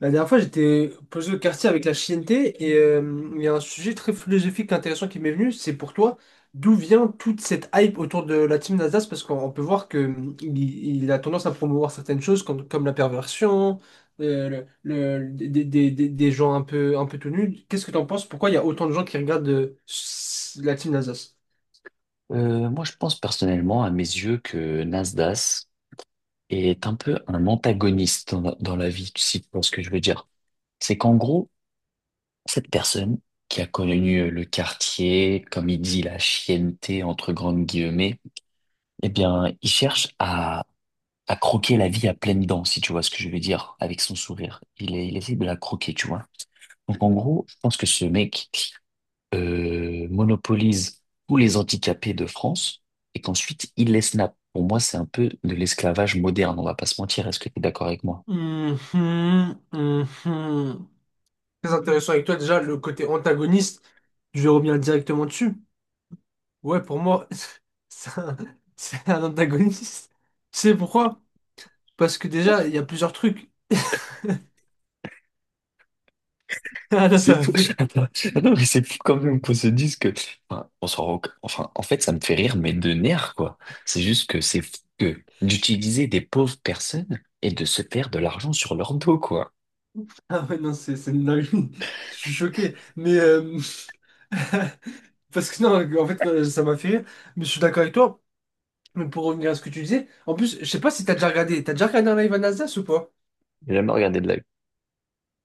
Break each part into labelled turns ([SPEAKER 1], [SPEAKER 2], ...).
[SPEAKER 1] La dernière fois, j'étais posé au quartier avec la Chienté et il y a un sujet très philosophique intéressant qui m'est venu. C'est pour toi, d'où vient toute cette hype autour de la team Nasdaq? Parce qu'on on peut voir que il a tendance à promouvoir certaines choses comme la perversion, des gens un peu tout nus. Qu'est-ce que tu en penses? Pourquoi il y a autant de gens qui regardent la team Nasdaq?
[SPEAKER 2] Moi, je pense personnellement, à mes yeux, que Nasdaq est un peu un antagoniste dans la vie, si tu vois ce que je veux dire. C'est qu'en gros, cette personne qui a connu le quartier, comme il dit, la chienneté, entre grandes guillemets, eh bien, il cherche à croquer la vie à pleines dents, si tu vois ce que je veux dire, avec son sourire. Il essaie de la croquer, tu vois. Donc, en gros, je pense que ce mec, monopolise tous les handicapés de France et qu'ensuite il les snap. Pour moi, c'est un peu de l'esclavage moderne, on va pas se mentir. Est-ce que tu es d'accord avec moi?
[SPEAKER 1] Mhm, mhm. Très intéressant avec toi déjà, le côté antagoniste, je vais revenir directement dessus. Ouais, pour moi, c'est un, c'est un antagoniste. Tu sais pourquoi? Parce que déjà, il y a plusieurs trucs. Ah là, ça
[SPEAKER 2] C'est
[SPEAKER 1] m'a
[SPEAKER 2] fou.
[SPEAKER 1] fait.
[SPEAKER 2] Attends, attends, mais c'est fou quand même qu'on se dise que, enfin, enfin, en fait, ça me fait rire, mais de nerfs, quoi. C'est juste que c'est fou que d'utiliser des pauvres personnes et de se faire de l'argent sur leur dos, quoi.
[SPEAKER 1] Ah ouais, non, c'est une dinguerie. Je suis choqué. Parce que non, en fait, ça m'a fait rire. Mais je suis d'accord avec toi. Mais pour revenir à ce que tu disais, en plus, je sais pas si t'as déjà regardé. T'as déjà regardé un live à Nasdaq ou pas?
[SPEAKER 2] J'ai jamais regardé de la.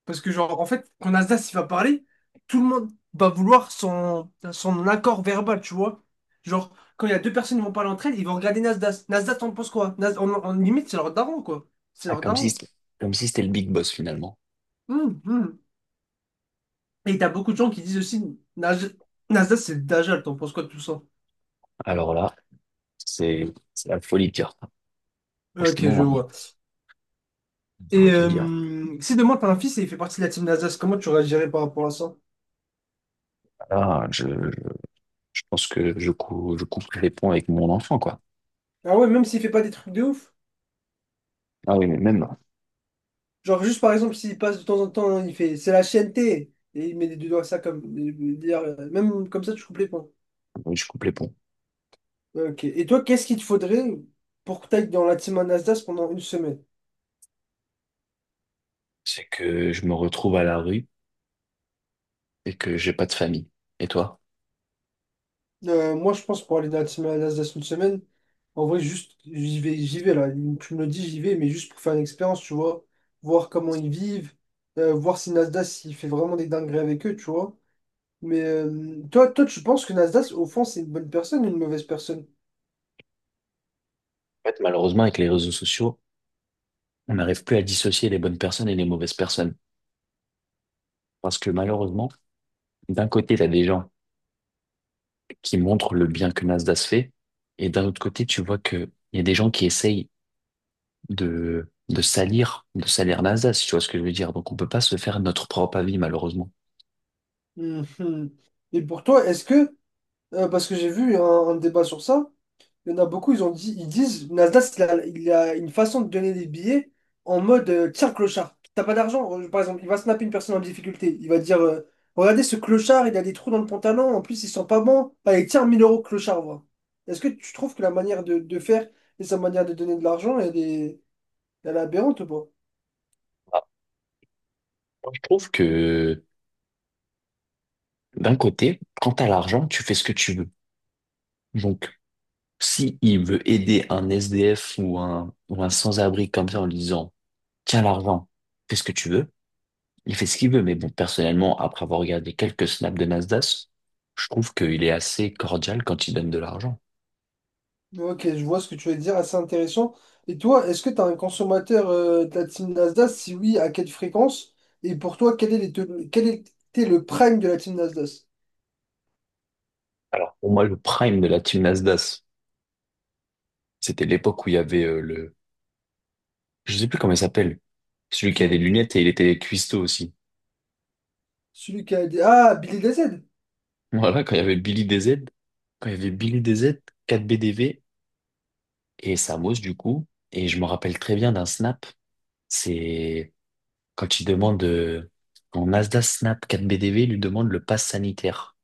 [SPEAKER 1] Parce que, genre, en fait, quand Nasdaq il va parler, tout le monde va vouloir son accord verbal, tu vois. Genre, quand il y a deux personnes qui vont parler entre elles, ils vont regarder Nasdaq. Nasdaq, t'en penses quoi? En limite, c'est leur daron, quoi. C'est
[SPEAKER 2] Ah,
[SPEAKER 1] leur
[SPEAKER 2] comme si,
[SPEAKER 1] daron.
[SPEAKER 2] c'était- Comme si c'était le big boss finalement.
[SPEAKER 1] Hum, hum. Et t'as beaucoup de gens qui disent aussi, Nasdaq, c'est le Dajjal, t'en penses quoi de tout ça?
[SPEAKER 2] Alors là, c'est, c'est la folie de dire.
[SPEAKER 1] Ok, je
[SPEAKER 2] Franchement,
[SPEAKER 1] vois.
[SPEAKER 2] on ne saurait
[SPEAKER 1] Et
[SPEAKER 2] que dire.
[SPEAKER 1] si demain t'as un fils et il fait partie de la team Nasdaq, comment tu réagirais par rapport à ça?
[SPEAKER 2] Ah, je pense que je coupe les ponts avec mon enfant, quoi.
[SPEAKER 1] Ah ouais, même s'il fait pas des trucs de ouf.
[SPEAKER 2] Ah oui, mais même,
[SPEAKER 1] Genre, juste par exemple, s'il passe de temps en temps, il fait c'est la chaîne t Et il met les deux doigts ça comme. Dire, même comme ça, tu coupes les points.
[SPEAKER 2] oui, je coupe les ponts.
[SPEAKER 1] Ok. Et toi, qu'est-ce qu'il te faudrait pour que tu ailles dans la team Anasdas pendant une semaine?
[SPEAKER 2] C'est que je me retrouve à la rue et que j'ai pas de famille. Et toi?
[SPEAKER 1] Moi, je pense pour aller dans la team Anasdas une semaine, en vrai, juste, j'y vais là. Tu me le dis, j'y vais, mais juste pour faire une expérience, tu vois. Voir comment ils vivent, voir si Nasdaq, il fait vraiment des dingueries avec eux, tu vois. Mais toi, tu penses que Nasdaq, au fond, c'est une bonne personne ou une mauvaise personne?
[SPEAKER 2] En fait, malheureusement, avec les réseaux sociaux, on n'arrive plus à dissocier les bonnes personnes et les mauvaises personnes. Parce que malheureusement, d'un côté, tu as des gens qui montrent le bien que Nasdaq fait, et d'un autre côté, tu vois que il y a des gens qui essayent de salir Nasdaq, si tu vois ce que je veux dire. Donc, on peut pas se faire notre propre avis, malheureusement.
[SPEAKER 1] Mhm. Et pour toi, est-ce que, parce que j'ai vu un débat sur ça, il y en a beaucoup, ils ont dit, ils disent, Nasdaq, il a une façon de donner des billets en mode, tiens, clochard, t'as pas d'argent, par exemple, il va snapper une personne en difficulté, il va dire, regardez ce clochard, il a des trous dans le pantalon, en plus il sent pas bon, allez, tiens, 1 000 euros clochard, voilà. Est-ce que tu trouves que la manière de faire et sa manière de donner de l'argent, elle est aberrante ou pas?
[SPEAKER 2] Ah, moi, je trouve que d'un côté, quand t'as l'argent, tu fais ce que tu veux. Donc, si il veut aider un SDF ou un sans-abri comme ça en lui disant, tiens l'argent, fais ce que tu veux, il fait ce qu'il veut. Mais bon, personnellement, après avoir regardé quelques snaps de Nasdaq, je trouve qu'il est assez cordial quand il donne de l'argent.
[SPEAKER 1] Ok, je vois ce que tu veux dire, assez intéressant. Et toi, est-ce que tu as un consommateur de la team Nasdaq? Si oui, à quelle fréquence? Et pour toi, quel est les te- quel était le prime de la team Nasdaq?
[SPEAKER 2] Alors, pour moi, le prime de la team Nasdaq, c'était l'époque où il y avait je sais plus comment il s'appelle, celui qui a des
[SPEAKER 1] Qui?
[SPEAKER 2] lunettes et il était cuistot aussi.
[SPEAKER 1] Celui qui a dit... Ah, Billy DZ?
[SPEAKER 2] Voilà, quand il y avait Billy DZ, 4BDV et Samos du coup. Et je me rappelle très bien d'un snap. C'est quand il demande, en Asda Snap 4BDV, il lui demande le pass sanitaire.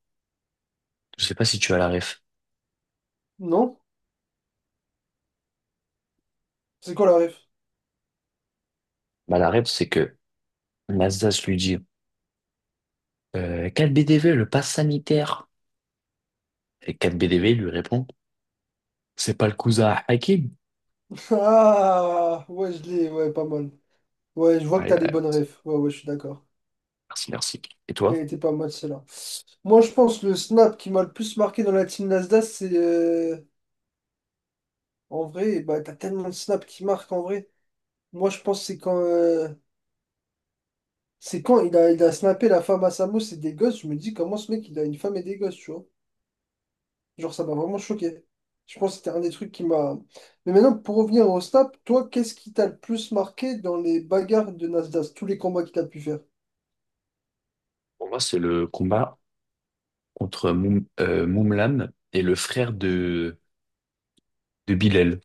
[SPEAKER 2] Je sais pas si tu as la ref.
[SPEAKER 1] Non? C'est quoi la ref?
[SPEAKER 2] Bah, la ref, c'est que Nasdaq lui dit, 4BDV le pass sanitaire. Et 4V V lui répond, c'est pas le cousin à Hakim.
[SPEAKER 1] Ah, ouais, je l'ai, ouais, pas mal. Ouais, je vois que
[SPEAKER 2] Ouais,
[SPEAKER 1] t'as les
[SPEAKER 2] ouais,
[SPEAKER 1] bonnes refs. Ouais, ouais, je suis d'accord.
[SPEAKER 2] merci, merci. Et toi?
[SPEAKER 1] Elle était pas mal, celle-là. Moi, je pense le snap qui m'a le plus marqué dans la team Nasdaq, en vrai, bah, t'as tellement de snaps qui marquent, en vrai. Moi, je pense que c'est quand il a snappé la femme à sa mousse et des gosses, je me dis comment ce mec il a une femme et des gosses, tu vois. Genre ça m'a vraiment choqué. Je pense que c'était un des trucs qui m'a. Mais maintenant, pour revenir au snap, toi, qu'est-ce qui t'a le plus marqué dans les bagarres de Nasdaq, tous les combats qu'il a pu faire?
[SPEAKER 2] Pour moi, c'est le combat contre Moumlam et le frère de Bilal.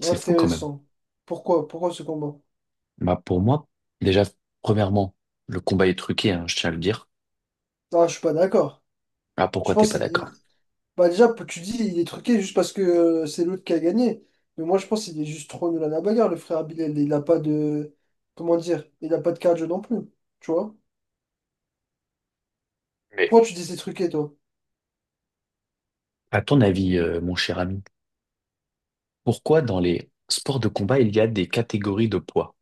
[SPEAKER 2] C'est fou quand même.
[SPEAKER 1] Intéressant. Pourquoi? Pourquoi ce combat?
[SPEAKER 2] Bah pour moi, déjà, premièrement, le combat est truqué, hein, je tiens à le dire.
[SPEAKER 1] Ah, je suis pas d'accord.
[SPEAKER 2] Ah,
[SPEAKER 1] Je
[SPEAKER 2] pourquoi t'es
[SPEAKER 1] pense
[SPEAKER 2] pas
[SPEAKER 1] qu'il...
[SPEAKER 2] d'accord?
[SPEAKER 1] il- Bah déjà, tu dis il est truqué juste parce que c'est l'autre qui a gagné. Mais moi je pense qu'il est juste trop nul à la bagarre, le frère Abilel. Il a pas de. Comment dire? Il a pas de cardio non plus. Tu vois?
[SPEAKER 2] Mais
[SPEAKER 1] Pourquoi tu dis ces trucs et toi?
[SPEAKER 2] à ton avis, mon cher ami, pourquoi dans les sports de combat, il y a des catégories de poids?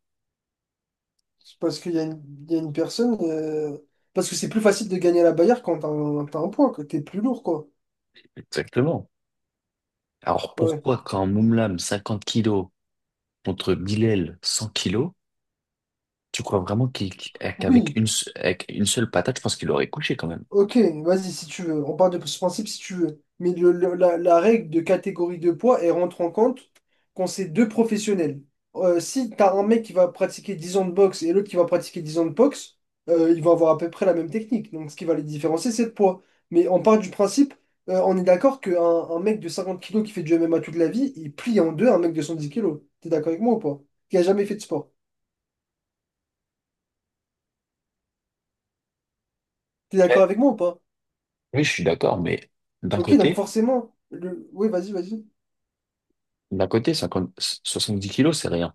[SPEAKER 1] C'est parce qu'il y a une personne. Parce que c'est plus facile de gagner à la Bayard quand t'as un point, que t'es plus lourd, quoi.
[SPEAKER 2] Exactement. Alors
[SPEAKER 1] Ouais.
[SPEAKER 2] pourquoi quand Moumlam 50 kilos contre Bilal 100 kilos, tu crois vraiment qu'il- qu'avec
[SPEAKER 1] Oui,
[SPEAKER 2] une, se- avec une seule patate, je pense qu'il aurait couché quand même.
[SPEAKER 1] ok, vas-y, si tu veux. On part de ce principe si tu veux. Mais la règle de catégorie de poids, elle rentre en compte quand c'est deux professionnels. Si tu as un mec qui va pratiquer 10 ans de boxe et l'autre qui va pratiquer 10 ans de boxe, ils vont avoir à peu près la même technique. Donc, ce qui va les différencier, c'est le poids. Mais on part du principe, on est d'accord qu'un un mec de 50 kilos qui fait du MMA toute la vie, il plie en deux un mec de 110 kilos. T'es d'accord avec moi ou pas? Qui a jamais fait de sport. T'es d'accord
[SPEAKER 2] Ouais.
[SPEAKER 1] avec moi ou pas?
[SPEAKER 2] Oui, je suis d'accord, mais d'un
[SPEAKER 1] Ok, donc
[SPEAKER 2] côté,
[SPEAKER 1] forcément, oui, vas-y, vas-y.
[SPEAKER 2] d'un côté, 50 70 kilos, c'est rien.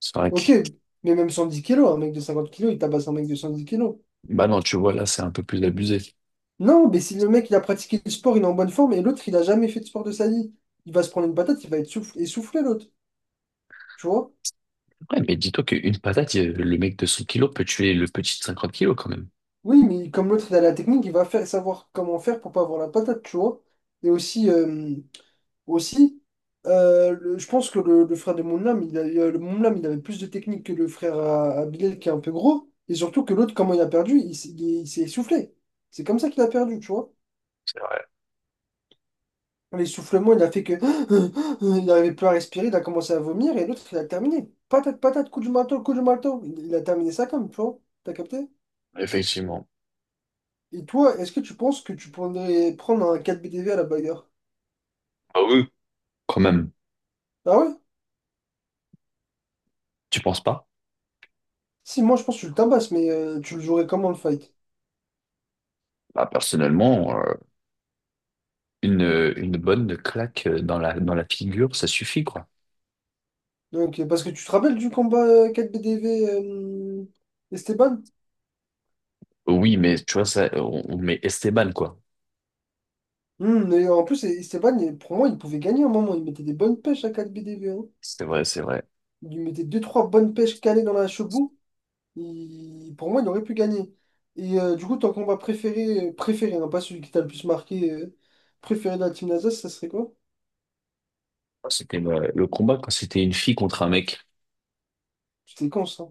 [SPEAKER 2] C'est vrai que.
[SPEAKER 1] Ok, mais même 110 kilos, un mec de 50 kilos, il tabasse un mec de 110 kilos.
[SPEAKER 2] Bah non, tu vois, là, c'est un peu plus abusé.
[SPEAKER 1] Non, mais si le mec, il a pratiqué le sport, il est en bonne forme, et l'autre, il a jamais fait de sport de sa vie, il va se prendre une patate, il va être essoufflé, l'autre, tu vois?
[SPEAKER 2] Ouais, mais dis-toi qu'une patate, le mec de 100 kilos peut tuer le petit de 50 kilos quand même.
[SPEAKER 1] Oui, mais comme l'autre, il a la technique, il va faire, savoir comment faire pour pas avoir la patate, tu vois? Et aussi, je pense que le frère de Moonlam, le Moonlam, il avait plus de technique que le frère à Bilal, qui est un peu gros, et surtout que l'autre, comment il a perdu, il s'est essoufflé. C'est comme ça qu'il a perdu, tu vois?
[SPEAKER 2] C'est vrai,
[SPEAKER 1] L'essoufflement, il a fait que. Il n'arrivait plus à respirer, il a commencé à vomir et l'autre, il a terminé. Patate, patate, coup du marteau, coup du marteau. Il a terminé ça comme, tu vois. T'as capté?
[SPEAKER 2] effectivement.
[SPEAKER 1] Et toi, est-ce que tu penses que tu pourrais prendre un 4BDV à la bagarre?
[SPEAKER 2] Ah oui. Quand même,
[SPEAKER 1] Ah ouais?
[SPEAKER 2] tu penses pas?
[SPEAKER 1] Si, moi, je pense que tu le tabasses, mais tu le jouerais comment le fight?
[SPEAKER 2] Bah, personnellement, une bonne claque dans la figure, ça suffit, quoi.
[SPEAKER 1] Donc, parce que tu te rappelles du combat 4BDV Esteban?
[SPEAKER 2] Oui, mais tu vois, ça, on met Esteban, quoi.
[SPEAKER 1] Et en plus, Esteban, pour moi, il pouvait gagner à un moment. Il mettait des bonnes pêches à 4BDV, hein.
[SPEAKER 2] C'est vrai, c'est vrai.
[SPEAKER 1] Il lui mettait deux trois bonnes pêches calées dans la chebou. Pour moi, il aurait pu gagner. Et du coup, ton combat préféré, préféré, hein, pas celui qui t'a le plus marqué, préféré de la team Nasdaq, ça serait quoi?
[SPEAKER 2] Enfin, c'était le combat quand c'était une fille contre un mec.
[SPEAKER 1] C'était con, ça.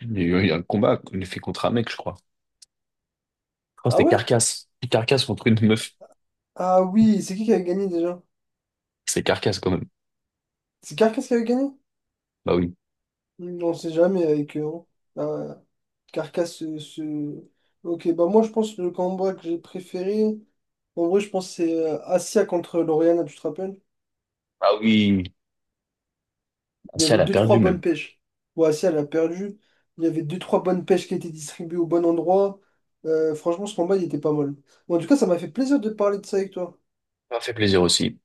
[SPEAKER 2] Il y a eu un combat, une fille contre un mec, je crois. Je crois que
[SPEAKER 1] Ah
[SPEAKER 2] c'était
[SPEAKER 1] ouais?
[SPEAKER 2] Carcasse. Carcasse contre une meuf.
[SPEAKER 1] Ah oui, c'est qui avait gagné déjà?
[SPEAKER 2] C'est Carcasse quand même.
[SPEAKER 1] C'est Carcass qui avait gagné?
[SPEAKER 2] Bah oui.
[SPEAKER 1] On sait jamais avec eux, hein. Ah, Carcass, euh, se- Ok, bah moi, je pense que le combat que j'ai préféré, en vrai, je pense que c'est Asia contre Lauriana, tu te rappelles?
[SPEAKER 2] Ah oui.
[SPEAKER 1] Il y
[SPEAKER 2] Ancia,
[SPEAKER 1] avait
[SPEAKER 2] elle a
[SPEAKER 1] deux,
[SPEAKER 2] perdu
[SPEAKER 1] trois
[SPEAKER 2] même.
[SPEAKER 1] bonnes pêches. Boassia, elle a perdu. Il y avait deux, trois bonnes pêches qui étaient distribuées au bon endroit. Franchement, ce combat, il était pas mal. Bon, en tout cas, ça m'a fait plaisir de parler de ça avec toi.
[SPEAKER 2] Ça m'a fait plaisir aussi.